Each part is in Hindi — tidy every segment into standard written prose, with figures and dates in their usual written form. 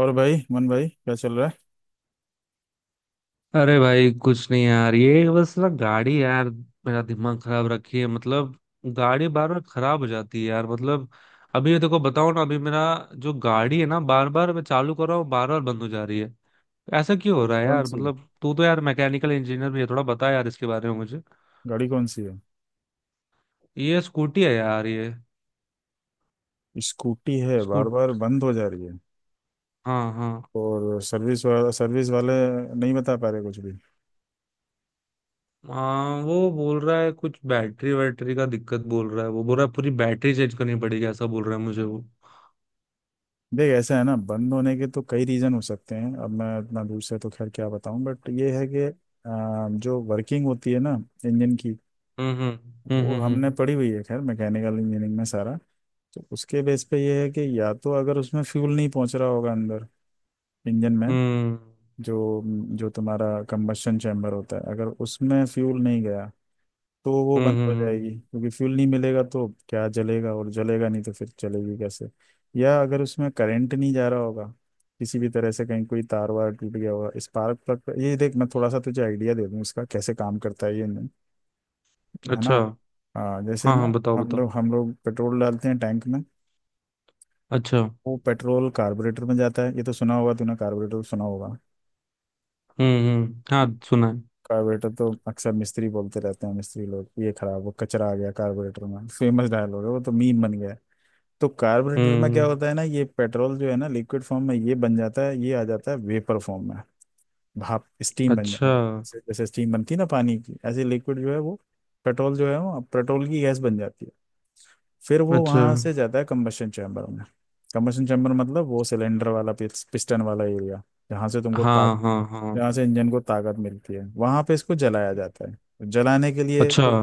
और भाई मन भाई क्या चल रहा है। अरे भाई, कुछ नहीं यार। ये बस ना, गाड़ी यार मेरा दिमाग खराब रखी है। मतलब गाड़ी बार बार खराब हो जाती है यार। मतलब अभी ये देखो, बताओ ना। अभी मेरा जो गाड़ी है ना, बार बार मैं चालू कर रहा हूँ, बार बार बंद हो जा रही है। ऐसा क्यों हो रहा है कौन यार? सी मतलब तू तो यार मैकेनिकल इंजीनियर भी है, थोड़ा बता यार इसके बारे में मुझे। गाड़ी कौन सी है? ये स्कूटी है यार ये। स्कूटी है, बार बार स्कूट बंद हो जा रही है? हाँ हाँ। और सर्विस वाला, सर्विस वाले नहीं बता पा रहे कुछ भी? हाँ, वो बोल रहा है कुछ बैटरी वैटरी का दिक्कत बोल रहा है। वो बोल रहा है पूरी बैटरी चेंज करनी पड़ेगी, ऐसा बोल रहा है मुझे वो। देख, ऐसा है ना, बंद होने के तो कई रीज़न हो सकते हैं, अब मैं इतना दूर से तो खैर क्या बताऊं, बट ये है कि जो वर्किंग होती है ना इंजन की, हम्म। हम्म। वो हम्म। हमने हम्म। पढ़ी हुई है खैर मैकेनिकल इंजीनियरिंग में सारा। तो उसके बेस पे ये है कि या तो अगर उसमें फ्यूल नहीं पहुंच रहा होगा अंदर इंजन में, हम्म। जो जो तुम्हारा कंबशन चैम्बर होता है, अगर उसमें फ्यूल नहीं गया तो वो हम्म। बंद हो हम्म। जाएगी, क्योंकि फ्यूल नहीं मिलेगा तो क्या जलेगा, और जलेगा नहीं तो फिर चलेगी कैसे। या अगर उसमें करंट नहीं जा रहा होगा, किसी भी तरह से कहीं कोई तार वार टूट गया होगा, स्पार्क प्लग। ये देख, मैं थोड़ा सा तुझे आइडिया दे दूँ इसका कैसे काम करता है ये, नहीं? है ना। अच्छा। हाँ, जैसे हाँ हाँ, ना बताओ हम बताओ। लोग हम लोग पेट्रोल डालते हैं टैंक में, अच्छा। वो पेट्रोल कार्बोरेटर में जाता है, ये तो सुना होगा तूने, कार्बोरेटर सुना होगा। हम्म, हाँ सुना है। कार्बोरेटर तो अक्सर मिस्त्री बोलते रहते हैं, मिस्त्री लोग ये खराब हो, कचरा आ गया कार्बोरेटर में, फेमस डायलॉग है वो तो, मीम बन गया है। तो कार्बोरेटर में क्या हम्म। होता है ना, ये पेट्रोल जो है ना लिक्विड फॉर्म में, ये बन जाता है, ये आ जाता है वेपर फॉर्म में, भाप, स्टीम बन जाता अच्छा। है। जैसे जैसे स्टीम बनती है ना पानी की, ऐसे लिक्विड जो है वो, पेट्रोल जो है वो पेट्रोल की गैस बन जाती है। फिर वो अच्छा। वहां से जाता है कम्बशन चैम्बर में। कम्बशन चैम्बर मतलब वो सिलेंडर वाला पिस्टन वाला एरिया, जहाँ से तुमको ताकत, हाँ हाँ हाँ। जहाँ से इंजन को ताकत मिलती है, वहां पे इसको जलाया जाता है। जलाने के लिए अच्छा। तो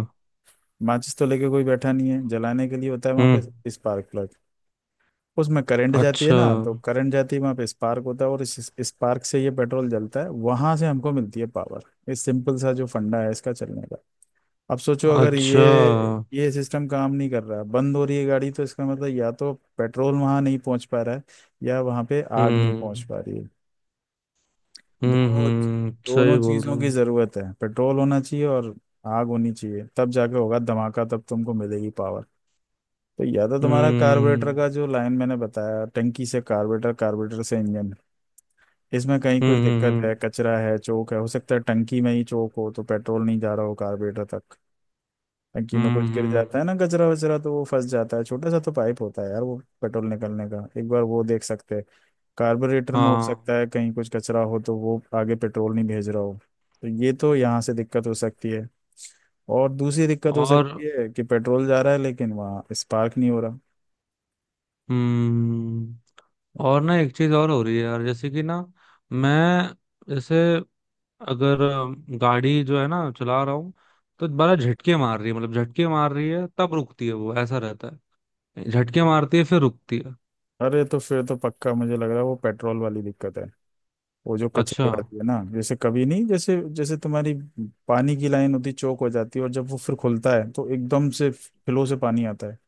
माचिस तो लेके कोई बैठा नहीं है, जलाने के लिए होता है वहां हम्म। पे स्पार्क प्लग। उसमें करंट जाती है अच्छा ना, तो करंट जाती है, वहां पे स्पार्क होता है, और इस स्पार्क से ये पेट्रोल जलता है, वहां से हमको मिलती है पावर। ये सिंपल सा जो फंडा है इसका चलने का। अब सोचो, अगर अच्छा। ये सिस्टम काम नहीं कर रहा, बंद हो रही है गाड़ी, तो इसका मतलब या तो पेट्रोल वहां नहीं पहुंच पा रहा है, या वहां पे आग नहीं पहुंच हम्म पा रही है। दोनों हम्म, दोनों सही बोल रहे चीजों की हो। जरूरत है, पेट्रोल होना चाहिए और आग होनी चाहिए, तब जाके होगा धमाका, तब तुमको मिलेगी पावर। तो या तो तुम्हारा कार्बोरेटर हम्म का जो लाइन मैंने बताया, टंकी से कार्बोरेटर, कार्बोरेटर से इंजन, इसमें कहीं कुछ दिक्कत है, हम्म। कचरा है, चोक है। हो सकता है टंकी में ही चोक हो तो पेट्रोल नहीं जा रहा हो कार्बोरेटर तक। टंकी में हम्म कुछ गिर हम्म, जाता हम्म, है ना कचरा वचरा, तो वो फंस जाता है, छोटा सा तो पाइप होता है यार वो पेट्रोल निकलने का, एक बार वो देख सकते हैं। कार्बोरेटर में हो हाँ। सकता है कहीं कुछ कचरा हो तो वो आगे पेट्रोल नहीं भेज रहा हो, तो ये तो यहाँ से दिक्कत हो सकती है। और दूसरी दिक्कत हो और सकती है कि पेट्रोल जा रहा है लेकिन वहाँ स्पार्क नहीं हो रहा। हम्म। और ना एक चीज और हो रही है यार, जैसे कि ना मैं जैसे, अगर गाड़ी जो है ना चला रहा हूँ, तो बड़ा झटके मार रही है। मतलब झटके मार रही है, तब रुकती है वो, ऐसा रहता है। झटके मारती है, फिर रुकती है। अरे, तो फिर तो पक्का मुझे लग रहा है वो पेट्रोल वाली दिक्कत है, वो जो कचरे अच्छा। वाली है ना। जैसे कभी नहीं, जैसे जैसे तुम्हारी पानी की लाइन होती चौक हो जाती है, और जब वो फिर खुलता है तो एकदम से फ्लो से पानी आता है,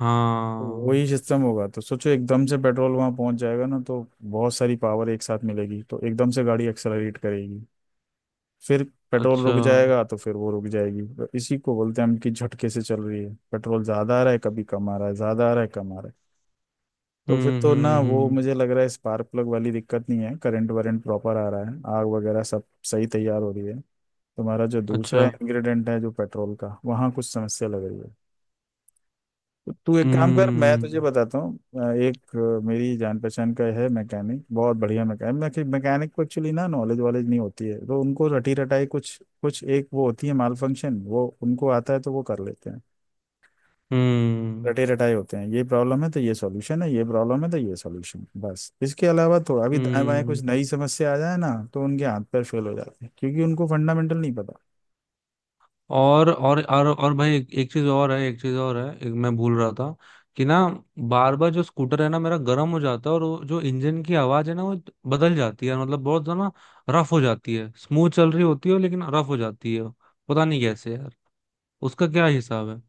हाँ। वही सिस्टम होगा। तो सोचो, एकदम से पेट्रोल वहां पहुंच जाएगा ना, तो बहुत सारी पावर एक साथ मिलेगी, तो एकदम से गाड़ी एक्सेलरेट करेगी, फिर पेट्रोल अच्छा। रुक जाएगा तो फिर वो रुक जाएगी। तो इसी को बोलते हैं हम कि झटके से चल रही है। पेट्रोल ज्यादा आ रहा है, कभी कम आ रहा है, ज्यादा आ रहा है, कम आ रहा है। तो फिर तो ना वो, हम्म। मुझे लग रहा है स्पार्क प्लग वाली दिक्कत नहीं है, करंट वरेंट प्रॉपर आ रहा है, आग वगैरह सब सही तैयार हो रही है। तुम्हारा जो अच्छा। दूसरा इंग्रेडिएंट है जो पेट्रोल का, वहाँ कुछ समस्या लग रही है। तू एक काम कर, मैं तुझे हम्म बताता हूँ, एक मेरी जान पहचान का है मैकेनिक, बहुत बढ़िया मैकेनिक। मैकेनिक को एक्चुअली ना नॉलेज वॉलेज नहीं होती है, तो उनको रटी रटाई कुछ कुछ एक वो होती है, माल फंक्शन वो उनको आता है तो वो कर लेते हैं, हम्म रटे रटाई होते हैं। ये प्रॉब्लम है तो ये सॉल्यूशन है, ये प्रॉब्लम है तो ये सॉल्यूशन, बस। इसके अलावा थोड़ा भी दाएं बाएं हम्म। कुछ नई समस्या आ जाए ना, तो उनके हाथ पैर फेल हो जाते हैं, क्योंकि उनको फंडामेंटल नहीं पता। और भाई, एक चीज और है, एक चीज और है। एक मैं भूल रहा था, कि ना बार बार जो स्कूटर है ना मेरा गर्म हो जाता है। और वो जो इंजन की आवाज है ना, वो बदल जाती है। मतलब बहुत ज्यादा रफ हो जाती है। स्मूथ चल रही होती है लेकिन रफ हो जाती है। पता नहीं कैसे यार, उसका क्या हिसाब है,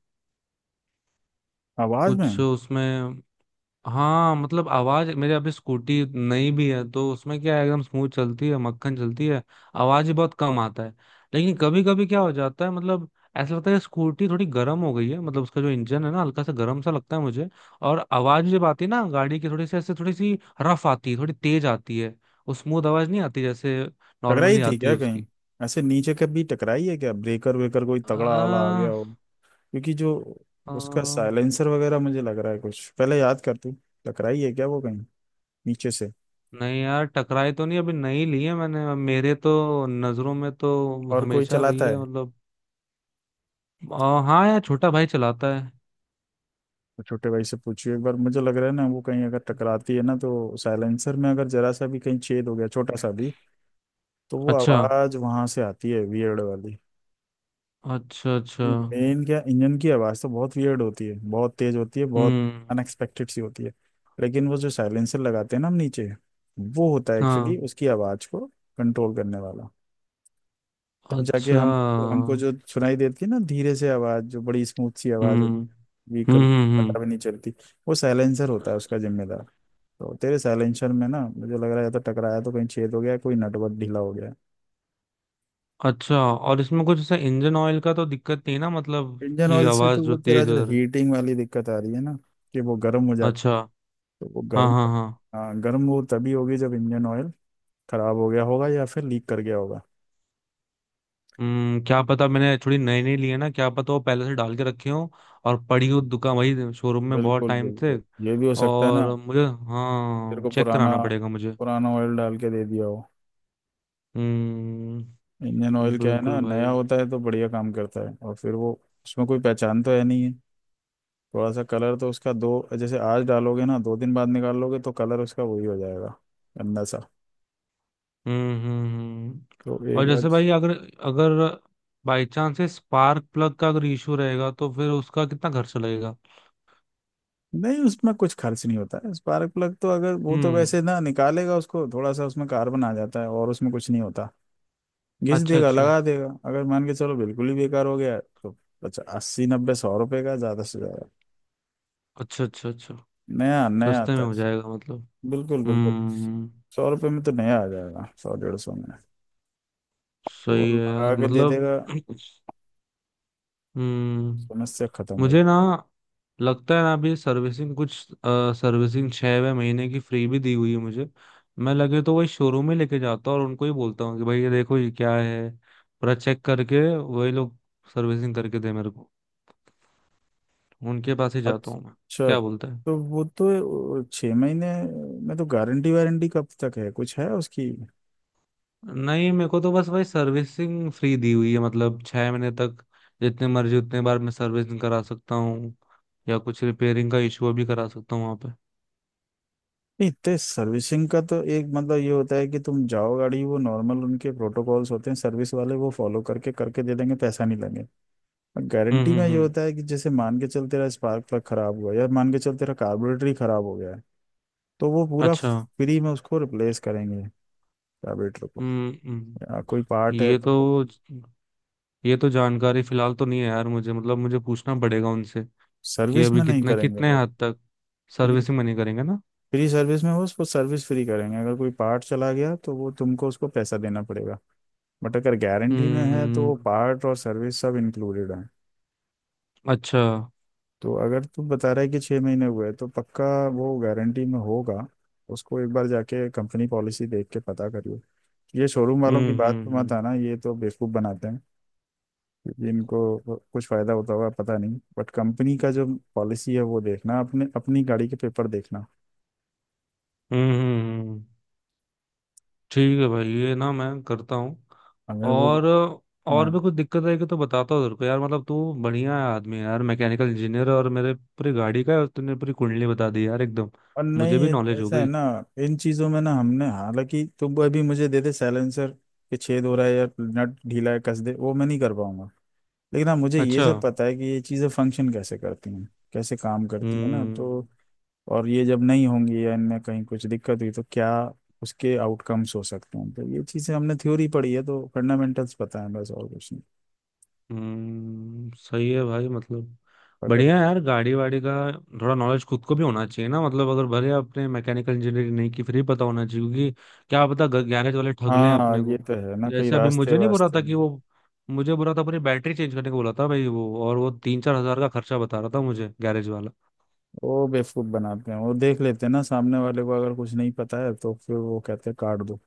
आवाज कुछ में, उसमें। हाँ, मतलब आवाज मेरे, अभी स्कूटी नई भी है तो उसमें क्या है, एकदम स्मूथ चलती है, मक्खन चलती है। आवाज ही बहुत कम आता है। लेकिन कभी कभी क्या हो जाता है, मतलब ऐसा लगता है स्कूटी थोड़ी गर्म हो गई है। मतलब उसका जो इंजन है ना, हल्का सा गर्म सा लगता है मुझे। और आवाज जब आती है ना गाड़ी की, थोड़ी सी ऐसे, थोड़ी सी रफ आती है, थोड़ी तेज आती है। वो स्मूथ आवाज नहीं आती जैसे टकराई नॉर्मली थी आती है क्या कहीं? उसकी। ऐसे नीचे कभी टकराई है क्या, ब्रेकर वेकर कोई तगड़ा वाला आ गया आ, हो? क्योंकि जो आ, उसका साइलेंसर वगैरह, मुझे लग रहा है कुछ, पहले याद कर तू, टकराई है क्या वो कहीं नीचे से? नहीं यार, टकराई तो नहीं। अभी नई ली है मैंने, मेरे तो नजरों में तो और कोई हमेशा रही चलाता है है? मतलब। हाँ यार, छोटा भाई चलाता है। तो छोटे भाई से पूछियो एक बार, मुझे लग रहा है ना, वो कहीं अगर टकराती है ना तो साइलेंसर में अगर जरा सा भी कहीं छेद हो गया, छोटा सा भी, तो वो अच्छा आवाज वहां से आती है वियर्ड वाली। अच्छा अच्छा। मेन क्या, इंजन की आवाज तो बहुत वियर्ड होती है, बहुत तेज होती है, बहुत हम्म। अनएक्सपेक्टेड सी होती है। लेकिन वो जो साइलेंसर लगाते हैं ना हम नीचे, वो होता है हाँ। एक्चुअली उसकी आवाज को कंट्रोल करने वाला, तब जाके अच्छा। हमको हमको जो सुनाई देती है ना धीरे से आवाज, जो बड़ी स्मूथ सी आवाज हम्म होती है व्हीकल, हम्म। पता भी नहीं चलती, वो साइलेंसर होता है उसका जिम्मेदार। तो तेरे साइलेंसर में ना, मुझे लग रहा है या तो टकराया तो कहीं छेद हो गया, कोई नटवर्क ढीला हो गया। अच्छा। और इसमें कुछ ऐसा इंजन ऑयल का तो दिक्कत नहीं ना, मतलब इंजन कि ऑयल से आवाज तो जो वो तेरा तेज जो हो रही। हीटिंग वाली दिक्कत आ रही है ना, कि वो गर्म हो जाती है, अच्छा। तो वो हाँ गर्म, हाँ हाँ। हाँ, गर्म वो तभी होगी जब इंजन ऑयल खराब हो गया होगा, या फिर लीक कर गया होगा। हम्म, क्या पता। मैंने थोड़ी नई नई ली है ना, क्या पता वो पहले से डाल के रखे हो, और पड़ी हो हाँ, दुकान वही शोरूम में बहुत बिल्कुल टाइम से। बिल्कुल, ये भी हो सकता है ना। और मुझे, तेरे हाँ को चेक पुराना, कराना पड़ेगा मुझे। पुराना ऑयल डाल के दे दिया हो। हम्म, इंडियन ऑयल क्या है बिल्कुल ना, नया भाई। होता है तो बढ़िया काम करता है, और फिर वो, उसमें कोई पहचान तो है नहीं है, थोड़ा सा कलर तो उसका दो, जैसे आज डालोगे ना दो दिन बाद निकाल लोगे तो कलर उसका वही हो जाएगा, गंदा सा। हम्म। हम्म। हम्म। तो एक और बार, जैसे भाई, अगर अगर बाई चांस से स्पार्क प्लग का अगर इशू रहेगा, तो फिर उसका कितना खर्चा लगेगा? नहीं उसमें कुछ खर्च नहीं होता है स्पार्क प्लग तो, अगर वो तो हम्म। वैसे ना निकालेगा उसको, थोड़ा सा उसमें कार्बन आ जाता है और उसमें कुछ नहीं होता, घिस अच्छा देगा अच्छा लगा देगा। अगर मान के चलो बिल्कुल ही बेकार हो गया तो, अच्छा, अस्सी नब्बे सौ रुपए का ज्यादा से ज्यादा, अच्छा। अच्छा। अच्छा। नया नया सस्ते में आता है। हो जाएगा मतलब? बिल्कुल बिल्कुल, हम्म। सौ रुपये में तो नया आ जाएगा, सौ डेढ़ सौ में, तो वो सही है लगा यार के दे मतलब। देगा, हम्म। समस्या खत्म हो मुझे जाएगी। ना लगता है ना, अभी सर्विसिंग कुछ, सर्विसिंग 6 महीने की फ्री भी दी हुई है मुझे। मैं लगे तो वही शोरूम में लेके जाता हूँ, और उनको ही बोलता हूँ कि भाई ये देखो ये क्या है, पूरा चेक करके वही लोग सर्विसिंग करके दे मेरे को। उनके पास ही जाता हूँ मैं। अच्छा, क्या बोलते हैं। तो वो तो छः महीने में तो, गारंटी वारंटी कब तक है, कुछ है उसकी? नहीं, मेरे को तो बस भाई सर्विसिंग फ्री दी हुई है, मतलब 6 महीने तक। जितने मर्जी उतने बार मैं सर्विसिंग करा सकता हूँ, या कुछ रिपेयरिंग का इशू भी करा सकता हूँ वहाँ पे। नहीं तो सर्विसिंग का तो एक मतलब ये होता है कि तुम जाओ गाड़ी, वो नॉर्मल उनके प्रोटोकॉल्स होते हैं सर्विस वाले, वो फॉलो करके करके दे देंगे, पैसा नहीं लगेगा। गारंटी में ये हम्म। होता है कि जैसे मान के चल तेरा स्पार्क प्लग खराब हुआ, या मान के चल तेरा कार्बोरेटर ही खराब हो गया है, तो वो पूरा अच्छा। फ्री में उसको रिप्लेस करेंगे, कार्बोरेटर को, हम्म। या कोई पार्ट है ये तो। तो ये तो जानकारी फिलहाल तो नहीं है यार मुझे। मतलब मुझे पूछना पड़ेगा उनसे कि सर्विस अभी में नहीं कितना, करेंगे कितने वो, हद तक फ्री, सर्विसिंग मनी करेंगे ना। फ्री सर्विस में वो उसको सर्विस फ्री करेंगे, अगर कोई पार्ट चला गया तो वो तुमको, उसको पैसा देना पड़ेगा। बट अगर गारंटी में है तो हम्म। वो पार्ट और सर्विस सब इंक्लूडेड है। अच्छा। तो अगर तू बता रहा है कि छः महीने हुए तो पक्का वो गारंटी में होगा। उसको एक बार जाके कंपनी पॉलिसी देख के पता करियो। ये शोरूम वालों की बात पे मत हम्म। आना, ये तो बेवकूफ़ बनाते हैं, क्योंकि इनको कुछ फ़ायदा होता हुआ पता नहीं, बट कंपनी का जो पॉलिसी है वो देखना, अपने, अपनी गाड़ी के पेपर देखना। हम्म हम्म, हम्म। ठीक है भाई, ये ना मैं करता हूँ। अगर वो, और हाँ, और भी कुछ दिक्कत आएगी तो बताता हूँ तेरे को यार। मतलब तू बढ़िया आदमी है यार, मैकेनिकल इंजीनियर, और मेरे पूरी गाड़ी का तूने पूरी कुंडली बता दी यार एकदम। और नहीं मुझे भी नॉलेज हो ऐसा है गई। ना, इन चीज़ों में ना हमने, हालांकि तुम अभी मुझे दे दे साइलेंसर के छेद हो रहा है या नट ढीला है कस दे, वो मैं नहीं कर पाऊंगा, लेकिन हाँ मुझे ये अच्छा। सब पता है कि ये चीज़ें फंक्शन कैसे करती हैं, कैसे काम करती हैं ना। तो हम्म और ये जब नहीं होंगी या इनमें कहीं कुछ दिक्कत हुई तो क्या उसके आउटकम्स हो सकते हैं, तो ये चीज़ें हमने थ्योरी पढ़ी है तो फंडामेंटल्स पता है, बस और कुछ नहीं। हम्म। सही है भाई मतलब। अगर, बढ़िया है यार। गाड़ी वाड़ी का थोड़ा नॉलेज खुद को भी होना चाहिए ना। मतलब अगर भले आपने मैकेनिकल इंजीनियरिंग नहीं की, फिर भी पता होना चाहिए, क्योंकि क्या पता गैरेज वाले ठग लें हाँ अपने ये को। तो है ना, कई जैसे अभी रास्ते मुझे नहीं बोला वास्ते था कि हैं। वो, मुझे बोला था अपनी बैटरी चेंज करने को बोला था भाई वो, और वो 3-4 हज़ार का खर्चा बता रहा था मुझे गैरेज वाला। वो बेवकूफ बनाते हैं, वो देख लेते हैं ना सामने वाले को, अगर कुछ नहीं पता है तो फिर वो कहते हैं काट दो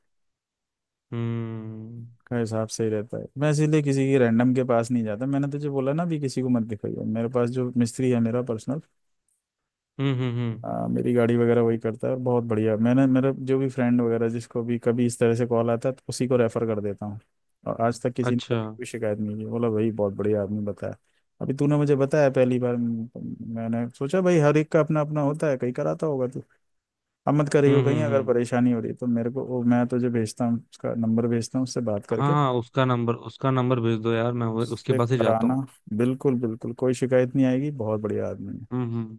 हम्म का हिसाब सही रहता है। मैं इसीलिए किसी की रैंडम के पास नहीं जाता, मैंने तुझे बोला ना, भी किसी को मत दिखाइए, मेरे पास जो मिस्त्री है मेरा पर्सनल, हम्म। मेरी गाड़ी वगैरह वही करता है, और बहुत बढ़िया, मैंने, मेरा जो भी फ्रेंड वगैरह जिसको भी कभी इस तरह से कॉल आता है तो उसी को रेफर कर देता हूँ, और आज तक किसी ने अच्छा। कभी कोई शिकायत नहीं की, बोला भाई बहुत बढ़िया आदमी बताया। अभी तूने मुझे बताया पहली बार, मैंने सोचा भाई हर एक का अपना अपना होता है, कहीं कराता होगा तू। अब मत करियो, कहीं अगर हम्म। परेशानी हो रही है तो मेरे को, वो मैं तुझे भेजता हूँ उसका नंबर, भेजता हूँ उससे बात हाँ करके, हाँ, उसका नंबर भेज दो यार। मैं उसके उससे पास ही जाता कराना, हूँ। बिल्कुल बिल्कुल कोई शिकायत नहीं आएगी, बहुत बढ़िया आदमी हम्म।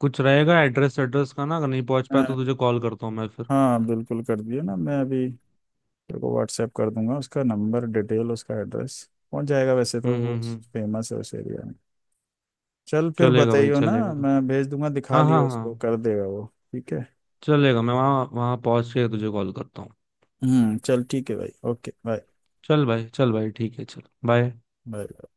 कुछ रहेगा एड्रेस एड्रेस का ना, अगर नहीं पहुंच पाया है। तो तुझे कॉल करता हूँ मैं फिर। हाँ बिल्कुल कर दियो ना, मैं अभी तेरे को व्हाट्सएप कर दूंगा उसका नंबर डिटेल, उसका एड्रेस पहुंच जाएगा, वैसे तो वो हम्म। फेमस है उस एरिया में। चल, फिर चलेगा भाई, बताइयो ना, चलेगा। मैं भेज दूंगा, दिखा हाँ हाँ लियो उसको, हाँ। कर देगा वो। ठीक है। चलेगा, मैं वहाँ वहाँ पहुंच के तुझे कॉल करता हूँ। हम्म, चल ठीक है भाई, ओके, बाय। चल भाई, चल भाई, ठीक है, चल बाय। बाय।